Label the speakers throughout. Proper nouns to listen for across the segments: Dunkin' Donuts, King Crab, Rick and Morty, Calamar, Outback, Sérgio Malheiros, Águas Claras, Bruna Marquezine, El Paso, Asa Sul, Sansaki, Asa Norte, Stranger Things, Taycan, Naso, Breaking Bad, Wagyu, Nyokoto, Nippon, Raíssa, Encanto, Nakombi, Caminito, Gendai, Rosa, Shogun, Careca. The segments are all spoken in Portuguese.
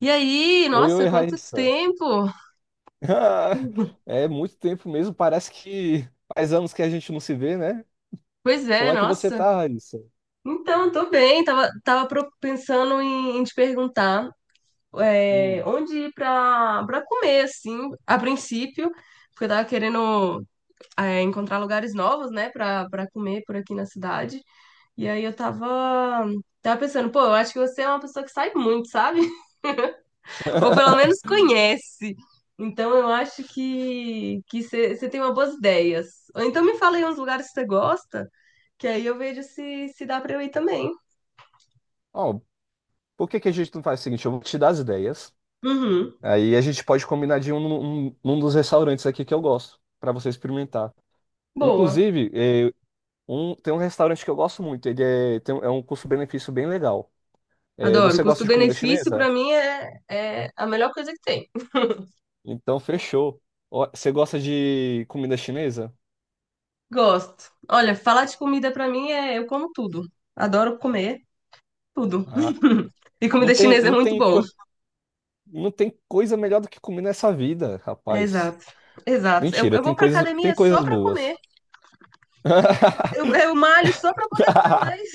Speaker 1: E aí,
Speaker 2: Oi,
Speaker 1: nossa,
Speaker 2: oi,
Speaker 1: quanto
Speaker 2: Raíssa.
Speaker 1: tempo!
Speaker 2: Ah, É muito tempo mesmo, parece que faz anos que a gente não se vê, né?
Speaker 1: Pois
Speaker 2: Como
Speaker 1: é,
Speaker 2: é que você
Speaker 1: nossa.
Speaker 2: tá, Raíssa?
Speaker 1: Então, tô bem. Pensando em te perguntar
Speaker 2: Hum.
Speaker 1: onde ir pra comer, assim, a princípio, porque eu tava querendo encontrar lugares novos, né, pra comer por aqui na cidade. E aí eu tava, tava pensando, pô, eu acho que você é uma pessoa que sai muito, sabe? Ou pelo menos conhece. Então eu acho que você tem uma boas ideias. Ou então me fala aí uns lugares que você gosta, que aí eu vejo se dá pra eu ir também.
Speaker 2: Ó, por que que a gente não faz o seguinte? Eu vou te dar as ideias,
Speaker 1: Uhum.
Speaker 2: aí a gente pode combinar de um num dos restaurantes aqui que eu gosto, pra você experimentar.
Speaker 1: Boa.
Speaker 2: Inclusive, tem um restaurante que eu gosto muito, ele é, tem, um- é um custo-benefício bem legal. É,
Speaker 1: Adoro.
Speaker 2: você gosta de comida
Speaker 1: Custo-benefício
Speaker 2: chinesa?
Speaker 1: pra mim é a melhor coisa que tem.
Speaker 2: Então, fechou. Ó, você gosta de comida chinesa?
Speaker 1: Gosto. Olha, falar de comida pra mim é eu como tudo. Adoro comer tudo.
Speaker 2: Ah,
Speaker 1: E comida chinesa é
Speaker 2: não
Speaker 1: muito
Speaker 2: tem.
Speaker 1: bom.
Speaker 2: Não tem coisa melhor do que comer nessa vida,
Speaker 1: É,
Speaker 2: rapaz.
Speaker 1: exato. Exato. Eu,
Speaker 2: Mentira,
Speaker 1: eu vou pra
Speaker 2: tem
Speaker 1: academia só
Speaker 2: coisas
Speaker 1: pra comer.
Speaker 2: boas.
Speaker 1: Eu, eu malho só pra poder comer mais.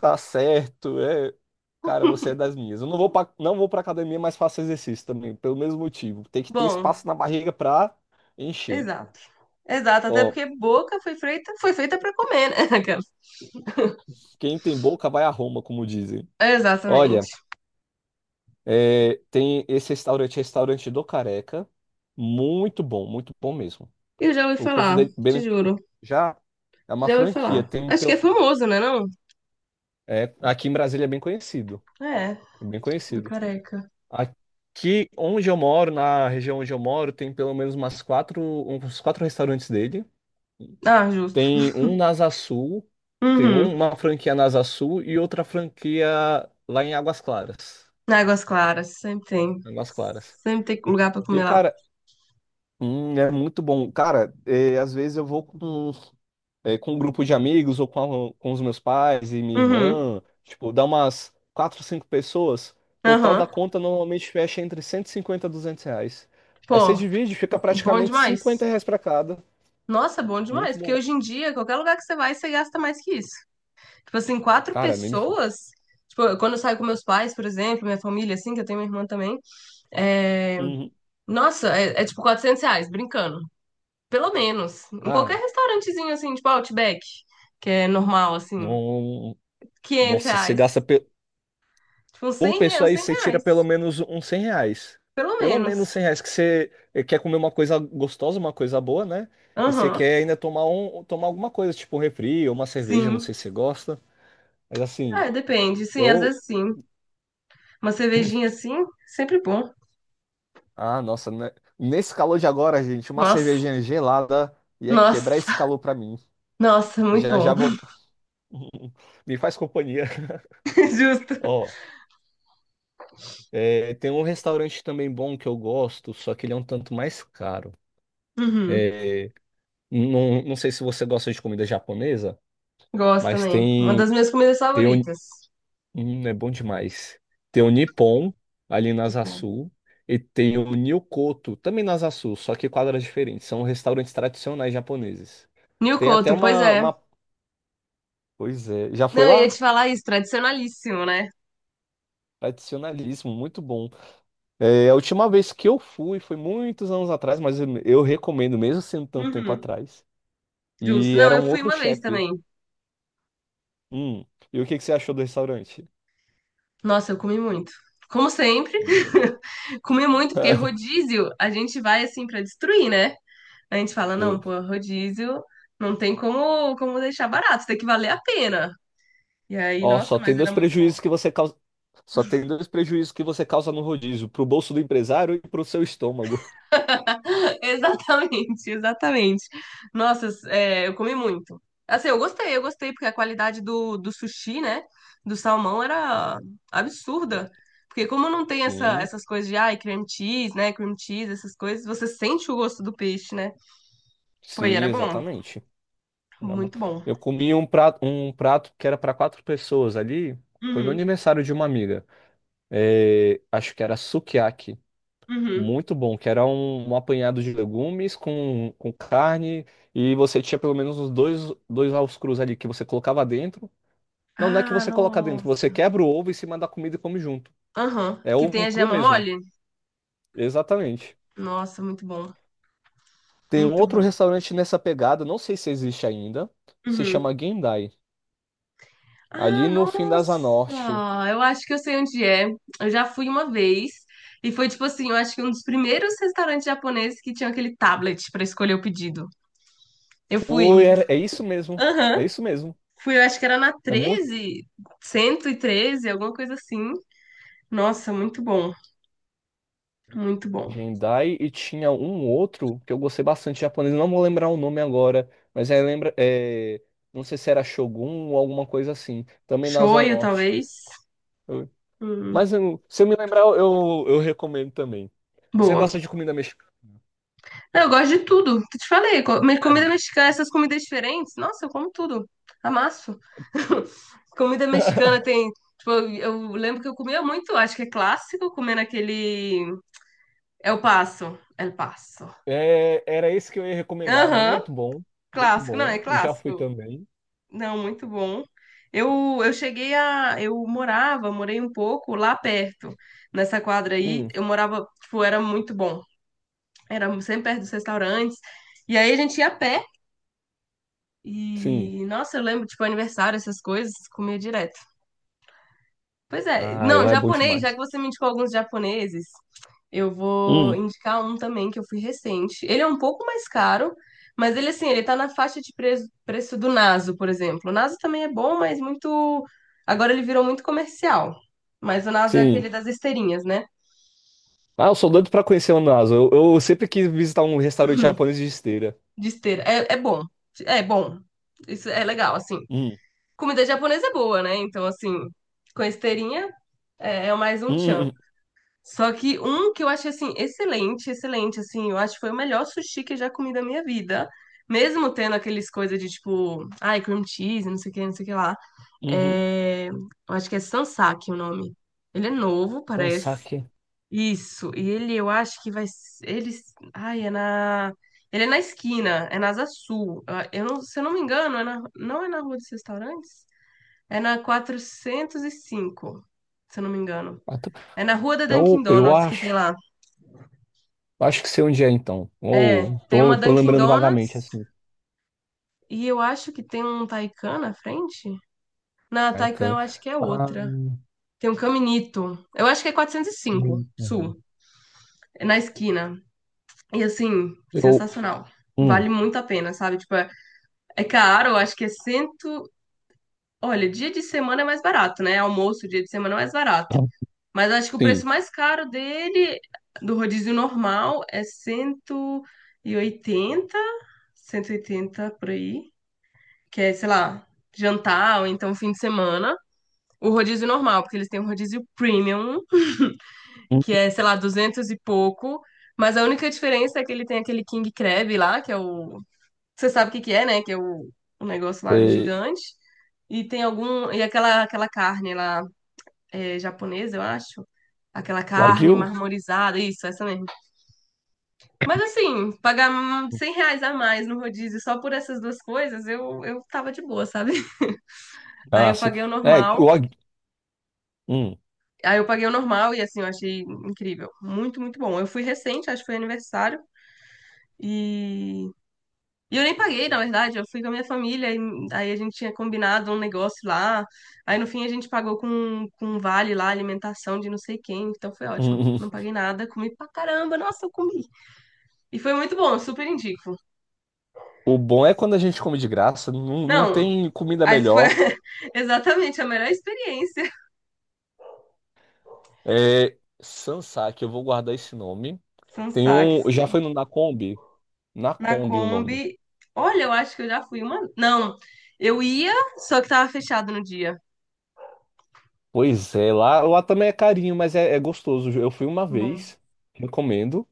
Speaker 2: Tá certo, é. Cara, você é das minhas. Eu não vou pra academia, mas faço exercício também, pelo mesmo motivo. Tem que ter
Speaker 1: Bom,
Speaker 2: espaço na barriga pra encher.
Speaker 1: exato. Exato, até
Speaker 2: Ó,
Speaker 1: porque boca foi feita para comer, né? Aquela.
Speaker 2: quem tem boca vai a Roma, como dizem. Olha,
Speaker 1: Exatamente.
Speaker 2: é, tem esse restaurante do Careca. Muito bom mesmo.
Speaker 1: Eu já ouvi
Speaker 2: O custo
Speaker 1: falar,
Speaker 2: dele
Speaker 1: te
Speaker 2: bene-
Speaker 1: juro.
Speaker 2: já É uma
Speaker 1: Já ouvi
Speaker 2: franquia.
Speaker 1: falar. Acho que é famoso, né, não?
Speaker 2: É, aqui em Brasília é bem conhecido,
Speaker 1: É,
Speaker 2: é bem
Speaker 1: do
Speaker 2: conhecido.
Speaker 1: careca.
Speaker 2: Aqui onde eu moro, na região onde eu moro, tem pelo menos uns quatro restaurantes dele.
Speaker 1: Ah, justo.
Speaker 2: Tem um na Asa Sul,
Speaker 1: Uhum.
Speaker 2: uma franquia na Asa Sul e outra franquia lá em Águas Claras.
Speaker 1: Águas Claras, sempre tem.
Speaker 2: Águas Claras.
Speaker 1: Sempre tem lugar pra comer
Speaker 2: E,
Speaker 1: lá.
Speaker 2: cara, é muito bom. Cara, às vezes eu vou com com um grupo de amigos ou com os meus pais e minha
Speaker 1: Uhum.
Speaker 2: irmã. Tipo, dá umas quatro, cinco pessoas. Total da
Speaker 1: Aham.
Speaker 2: conta normalmente fecha entre 150 e 200 reais. Aí você
Speaker 1: Pô,
Speaker 2: divide, fica
Speaker 1: bom
Speaker 2: praticamente
Speaker 1: demais.
Speaker 2: 50 reais pra cada.
Speaker 1: Nossa, bom demais,
Speaker 2: Muito
Speaker 1: porque
Speaker 2: bom.
Speaker 1: hoje em dia, qualquer lugar que você vai, você gasta mais que isso. Tipo assim, quatro
Speaker 2: Cara, nem me fala.
Speaker 1: pessoas. Tipo, quando eu saio com meus pais, por exemplo, minha família, assim, que eu tenho minha irmã também. É,
Speaker 2: Uhum.
Speaker 1: Nossa, é, é tipo 400 reais, brincando. Pelo menos. Em qualquer
Speaker 2: Cara,
Speaker 1: restaurantezinho, assim, tipo Outback, que é normal, assim,
Speaker 2: não.
Speaker 1: 500
Speaker 2: Nossa,
Speaker 1: reais. Tipo, uns
Speaker 2: por
Speaker 1: 100
Speaker 2: pessoa
Speaker 1: reais,
Speaker 2: aí,
Speaker 1: 100
Speaker 2: você tira
Speaker 1: reais.
Speaker 2: pelo menos uns 100 reais.
Speaker 1: Pelo
Speaker 2: Pelo menos
Speaker 1: menos.
Speaker 2: 100 reais que você quer comer uma coisa gostosa, uma coisa boa, né? E você
Speaker 1: Aham,
Speaker 2: quer ainda tomar alguma coisa, tipo um refri ou uma cerveja, não
Speaker 1: sim.
Speaker 2: sei se você gosta. Mas assim,
Speaker 1: É, depende. Sim, às
Speaker 2: eu.
Speaker 1: vezes sim. Uma cervejinha assim, sempre bom.
Speaker 2: Ah, nossa, né? Nesse calor de agora, gente, uma
Speaker 1: Nossa,
Speaker 2: cervejinha gelada ia quebrar esse
Speaker 1: nossa,
Speaker 2: calor pra mim.
Speaker 1: nossa, muito
Speaker 2: Já
Speaker 1: bom.
Speaker 2: já vou. Me faz companhia.
Speaker 1: Justo.
Speaker 2: Ó, é, tem um restaurante também bom que eu gosto, só que ele é um tanto mais caro.
Speaker 1: Uhum.
Speaker 2: É, não sei se você gosta de comida japonesa,
Speaker 1: Gosto
Speaker 2: mas
Speaker 1: também. Uma das
Speaker 2: tem.
Speaker 1: minhas comidas
Speaker 2: Tem, o
Speaker 1: favoritas.
Speaker 2: É bom demais. Tem o Nippon ali na
Speaker 1: Muito
Speaker 2: Asa
Speaker 1: bom.
Speaker 2: Sul e tem o Nyokoto também na Asa Sul, só que quadras diferentes. São restaurantes tradicionais japoneses. Tem até
Speaker 1: Nhocoto, pois é.
Speaker 2: uma... Pois é, já
Speaker 1: Não,
Speaker 2: foi
Speaker 1: eu ia
Speaker 2: lá?
Speaker 1: te falar isso, tradicionalíssimo, né?
Speaker 2: Tradicionalismo, muito bom. É, a última vez que eu fui foi muitos anos atrás, mas eu recomendo, mesmo sendo tanto tempo
Speaker 1: Uhum.
Speaker 2: atrás.
Speaker 1: Justo.
Speaker 2: E
Speaker 1: Não,
Speaker 2: era
Speaker 1: eu
Speaker 2: um
Speaker 1: fui
Speaker 2: outro
Speaker 1: uma vez
Speaker 2: chefe.
Speaker 1: também.
Speaker 2: Hum, e o que que você achou do restaurante?
Speaker 1: Nossa, eu comi muito. Como sempre,
Speaker 2: O meu, né?
Speaker 1: comi muito, porque rodízio a gente vai assim pra destruir, né? A gente fala,
Speaker 2: É.
Speaker 1: não, pô, rodízio não tem como, como deixar barato, tem que valer a pena. E aí,
Speaker 2: Ó,
Speaker 1: nossa,
Speaker 2: só tem
Speaker 1: mas era
Speaker 2: dois
Speaker 1: muito bom.
Speaker 2: prejuízos que você causa. Só tem dois prejuízos que você causa no rodízio, pro bolso do empresário e pro seu estômago.
Speaker 1: Exatamente, exatamente. Nossa, é, eu comi muito. Assim, eu gostei, porque a qualidade do sushi, né? Do salmão era absurda. Porque como não tem essa,
Speaker 2: Sim,
Speaker 1: essas coisas de, ai, cream cheese, né? Cream cheese, essas coisas, você sente o gosto do peixe, né? Pô, e
Speaker 2: sim,
Speaker 1: era bom.
Speaker 2: exatamente. Era bom.
Speaker 1: Muito bom.
Speaker 2: Eu comi um prato que era para quatro pessoas ali. Foi no
Speaker 1: Uhum,
Speaker 2: aniversário de uma amiga. É, acho que era sukiyaki.
Speaker 1: uhum.
Speaker 2: Muito bom, que era um apanhado de legumes com carne. E você tinha pelo menos dois ovos crus ali que você colocava dentro. Não, não é que
Speaker 1: Ah,
Speaker 2: você coloca dentro, você
Speaker 1: nossa.
Speaker 2: quebra o ovo em cima da comida e come junto.
Speaker 1: Aham.
Speaker 2: É
Speaker 1: Que tem
Speaker 2: ovo
Speaker 1: a
Speaker 2: cru
Speaker 1: gema
Speaker 2: mesmo,
Speaker 1: mole?
Speaker 2: exatamente.
Speaker 1: Nossa, muito bom.
Speaker 2: Tem um
Speaker 1: Muito
Speaker 2: outro
Speaker 1: bom.
Speaker 2: restaurante nessa pegada, não sei se existe ainda, se
Speaker 1: Uhum.
Speaker 2: chama Gendai, ali
Speaker 1: Ah,
Speaker 2: no fim da Asa
Speaker 1: nossa!
Speaker 2: Norte.
Speaker 1: Eu acho que eu sei onde é. Eu já fui uma vez e foi tipo assim, eu acho que um dos primeiros restaurantes japoneses que tinha aquele tablet pra escolher o pedido. Eu fui.
Speaker 2: É isso mesmo,
Speaker 1: Aham.
Speaker 2: é isso mesmo.
Speaker 1: Fui, eu acho que era na
Speaker 2: É muito
Speaker 1: treze, 113, alguma coisa assim. Nossa, muito bom. Muito bom.
Speaker 2: Gendai e tinha um outro que eu gostei bastante japonês, não vou lembrar o nome agora, mas é, lembra, é, não sei se era Shogun ou alguma coisa assim, também na Asa
Speaker 1: Shoyu,
Speaker 2: Norte.
Speaker 1: talvez.
Speaker 2: Eu-
Speaker 1: Hum,
Speaker 2: se eu me lembrar, eu recomendo também. Você
Speaker 1: boa.
Speaker 2: gosta de comida mexicana?
Speaker 1: Eu gosto de tudo. Te falei, co- mas comida mexicana, essas comidas diferentes, nossa, eu como tudo. Amasso. Comida mexicana tem. Tipo, eu lembro que eu comia muito, acho que é clássico, comendo aquele. El Paso. El Paso.
Speaker 2: É, era esse que eu ia recomendar.
Speaker 1: Aham,
Speaker 2: Muito bom, muito
Speaker 1: clássico, não, é
Speaker 2: bom. Eu já fui
Speaker 1: clássico.
Speaker 2: também.
Speaker 1: Não, muito bom. Eu cheguei a. Eu morava, morei um pouco lá perto, nessa quadra aí.
Speaker 2: Hum,
Speaker 1: Eu morava, tipo, era muito bom. Era sempre perto dos restaurantes. E aí a gente ia a pé.
Speaker 2: sim.
Speaker 1: E, nossa, eu lembro, tipo, aniversário, essas coisas, comia direto. Pois é,
Speaker 2: Ah, e
Speaker 1: não,
Speaker 2: lá é bom
Speaker 1: japonês, já que
Speaker 2: demais.
Speaker 1: você me indicou alguns japoneses, eu vou
Speaker 2: Hum,
Speaker 1: indicar um também que eu fui recente. Ele é um pouco mais caro, mas ele, assim, ele tá na faixa de preço do Naso, por exemplo. O Naso também é bom, mas muito. Agora ele virou muito comercial. Mas o Naso é
Speaker 2: sim.
Speaker 1: aquele das esteirinhas, né?
Speaker 2: Ah, eu sou doido pra conhecer o Nasa. Eu sempre quis visitar um restaurante japonês de esteira.
Speaker 1: De esteira. É, é bom. É bom. Isso é legal, assim.
Speaker 2: Hum,
Speaker 1: Comida japonesa é boa, né? Então, assim, com esteirinha é, é mais um
Speaker 2: hum,
Speaker 1: tchan.
Speaker 2: hum,
Speaker 1: Só que um que eu achei assim excelente, excelente, assim, eu acho que foi o melhor sushi que eu já comi da minha vida. Mesmo tendo aqueles coisas de tipo, ai, cream cheese, não sei o que, não sei o que lá.
Speaker 2: uhum.
Speaker 1: É, eu acho que é Sansaki o nome. Ele é novo,
Speaker 2: Então,
Speaker 1: parece.
Speaker 2: saque.
Speaker 1: Isso. E ele, eu acho que vai. S- Ele. Ai, é na. Ele é na esquina, é na Asa Sul. Ah, eu não, se eu não me engano, é na, não é na Rua dos Restaurantes? É na 405 se eu não me engano.
Speaker 2: Ah, tá.
Speaker 1: É na Rua da Dunkin'
Speaker 2: Eu
Speaker 1: Donuts que tem
Speaker 2: acho.
Speaker 1: lá.
Speaker 2: Acho que sei onde é, então.
Speaker 1: É,
Speaker 2: Ou
Speaker 1: tem uma
Speaker 2: tô
Speaker 1: Dunkin'
Speaker 2: lembrando vagamente,
Speaker 1: Donuts
Speaker 2: assim.
Speaker 1: e eu acho que tem um Taycan na frente. Na
Speaker 2: Ai,
Speaker 1: Taycan eu
Speaker 2: can-
Speaker 1: acho que é
Speaker 2: Ah,
Speaker 1: outra. Tem um Caminito. Eu acho que é 405,
Speaker 2: hum,
Speaker 1: Sul.
Speaker 2: hum.
Speaker 1: É na esquina. E assim,
Speaker 2: Eu.
Speaker 1: sensacional.
Speaker 2: Hum,
Speaker 1: Vale muito a pena, sabe? Tipo, é, é caro, eu acho que é cento. Olha, dia de semana é mais barato, né? Almoço, dia de semana é mais barato. Mas eu acho que o preço
Speaker 2: sim.
Speaker 1: mais caro dele, do rodízio normal, é 180, 180 por aí. Que é, sei lá, jantar ou então fim de semana. O rodízio normal, porque eles têm um rodízio premium,
Speaker 2: Hum.
Speaker 1: que é, sei lá, 200 e pouco. Mas a única diferença é que ele tem aquele King Crab lá, que é o. Você sabe o que que é, né? Que é o negócio lá
Speaker 2: Sei.
Speaker 1: gigante. E tem algum. E aquela, aquela carne lá é, japonesa, eu acho. Aquela carne
Speaker 2: Wagyu?
Speaker 1: marmorizada, isso, essa mesmo. Mas assim, pagar 100 reais a mais no rodízio só por essas duas coisas, eu tava de boa, sabe? Aí
Speaker 2: Ah,
Speaker 1: eu
Speaker 2: sim.
Speaker 1: paguei o
Speaker 2: É, o
Speaker 1: normal
Speaker 2: Wagyu. Hum,
Speaker 1: Aí eu paguei o normal e assim, eu achei incrível. Muito, muito bom. Eu fui recente, acho que foi aniversário. E, e eu nem paguei, na verdade. Eu fui com a minha família. E, aí a gente tinha combinado um negócio lá. Aí no fim a gente pagou com um vale lá, alimentação de não sei quem. Então foi ótimo.
Speaker 2: hum, hum.
Speaker 1: Não paguei nada, comi pra caramba. Nossa, eu comi. E foi muito bom, super indico.
Speaker 2: O bom é quando a gente come de graça, não
Speaker 1: Não,
Speaker 2: tem comida
Speaker 1: aí foi
Speaker 2: melhor.
Speaker 1: exatamente a melhor experiência.
Speaker 2: É Sansaki, eu vou guardar esse nome.
Speaker 1: São
Speaker 2: Tem
Speaker 1: saques.
Speaker 2: um, já foi no Nakombi?
Speaker 1: Na
Speaker 2: Nakombi o nome.
Speaker 1: Kombi. Olha, eu acho que eu já fui uma. Não, eu ia, só que tava fechado no dia.
Speaker 2: Pois é, lá também é carinho, mas é, é gostoso. Eu fui uma
Speaker 1: Bom,
Speaker 2: vez, recomendo.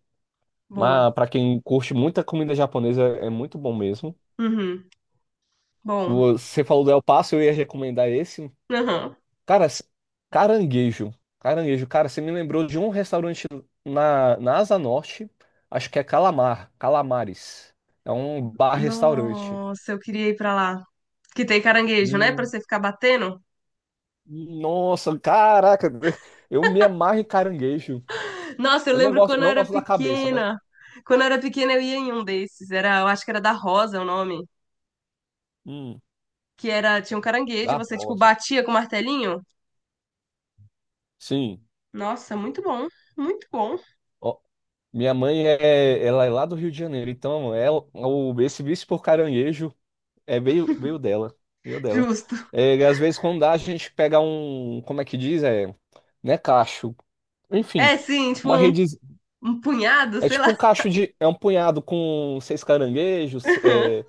Speaker 1: bom.
Speaker 2: Mas pra quem curte muita comida japonesa, é muito bom mesmo.
Speaker 1: Uhum, bom.
Speaker 2: Você falou do El Paso, eu ia recomendar esse.
Speaker 1: Aham.
Speaker 2: Cara, s- caranguejo. Caranguejo. Cara, você me lembrou de um restaurante na Asa Norte. Acho que é Calamar. Calamares. É um bar-restaurante.
Speaker 1: Nossa, eu queria ir pra lá. Que tem caranguejo, né? Pra
Speaker 2: Hum,
Speaker 1: você ficar batendo.
Speaker 2: nossa, caraca. Eu me amarro em caranguejo.
Speaker 1: Nossa, eu
Speaker 2: Eu não
Speaker 1: lembro
Speaker 2: gosto,
Speaker 1: quando eu
Speaker 2: não
Speaker 1: era
Speaker 2: gosto da cabeça, mas.
Speaker 1: pequena. Quando eu era pequena, eu ia em um desses. Era, eu acho que era da Rosa o nome.
Speaker 2: Hum,
Speaker 1: Que era, tinha um caranguejo,
Speaker 2: da
Speaker 1: você, tipo,
Speaker 2: rosa.
Speaker 1: batia com o martelinho.
Speaker 2: Sim.
Speaker 1: Nossa, muito bom. Muito bom.
Speaker 2: Ó, minha mãe é, ela é lá do Rio de Janeiro. Então, ela, o, esse vício por caranguejo. É, veio dela. Veio dela.
Speaker 1: Justo.
Speaker 2: É, e às vezes, quando dá, a gente pega um. Como é que diz? É, né, cacho. Enfim,
Speaker 1: É, sim, tipo,
Speaker 2: uma
Speaker 1: um,
Speaker 2: rede.
Speaker 1: um punhado,
Speaker 2: É
Speaker 1: sei
Speaker 2: tipo
Speaker 1: lá.
Speaker 2: um cacho de. É um punhado com seis caranguejos. É,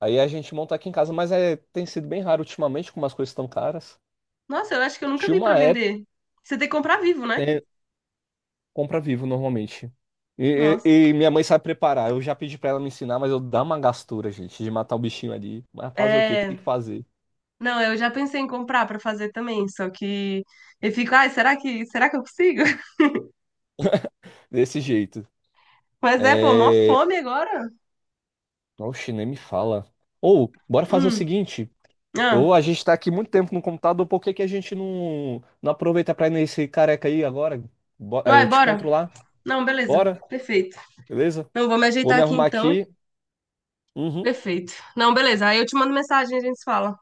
Speaker 2: aí a gente monta aqui em casa, mas é, tem sido bem raro ultimamente, como as coisas estão caras.
Speaker 1: Nossa, eu acho que eu nunca
Speaker 2: Tinha
Speaker 1: vi
Speaker 2: uma
Speaker 1: pra
Speaker 2: época,
Speaker 1: vender. Você tem que comprar vivo, né?
Speaker 2: né, compra vivo normalmente. E,
Speaker 1: Nossa.
Speaker 2: e- e minha mãe sabe preparar. Eu já pedi pra ela me ensinar, mas eu dá uma gastura, gente, de matar o bichinho ali. Mas fazer o quê? Tem
Speaker 1: É,
Speaker 2: que fazer.
Speaker 1: não, eu já pensei em comprar pra fazer também, só que eu fico, ai, será que eu consigo?
Speaker 2: Desse jeito.
Speaker 1: Mas é, pô, mó
Speaker 2: É.
Speaker 1: fome agora.
Speaker 2: Oxe, nem me fala. Ou, bora fazer o
Speaker 1: Hum,
Speaker 2: seguinte.
Speaker 1: ah,
Speaker 2: Ou a gente tá aqui muito tempo no computador, por que que a gente não aproveita pra ir nesse careca aí agora? Aí
Speaker 1: vai,
Speaker 2: eu te encontro
Speaker 1: bora.
Speaker 2: lá.
Speaker 1: Não, beleza,
Speaker 2: Bora?
Speaker 1: perfeito.
Speaker 2: Beleza?
Speaker 1: Não, vou me
Speaker 2: Vou
Speaker 1: ajeitar
Speaker 2: me
Speaker 1: aqui
Speaker 2: arrumar
Speaker 1: então.
Speaker 2: aqui. Uhum,
Speaker 1: Perfeito. Não, beleza, aí eu te mando mensagem e a gente se fala,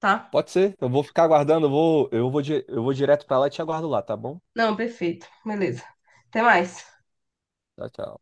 Speaker 1: tá?
Speaker 2: pode ser. Eu vou ficar aguardando, eu vou direto pra lá e te aguardo lá, tá bom?
Speaker 1: Não, perfeito, beleza. Até mais.
Speaker 2: Tchau, tchau.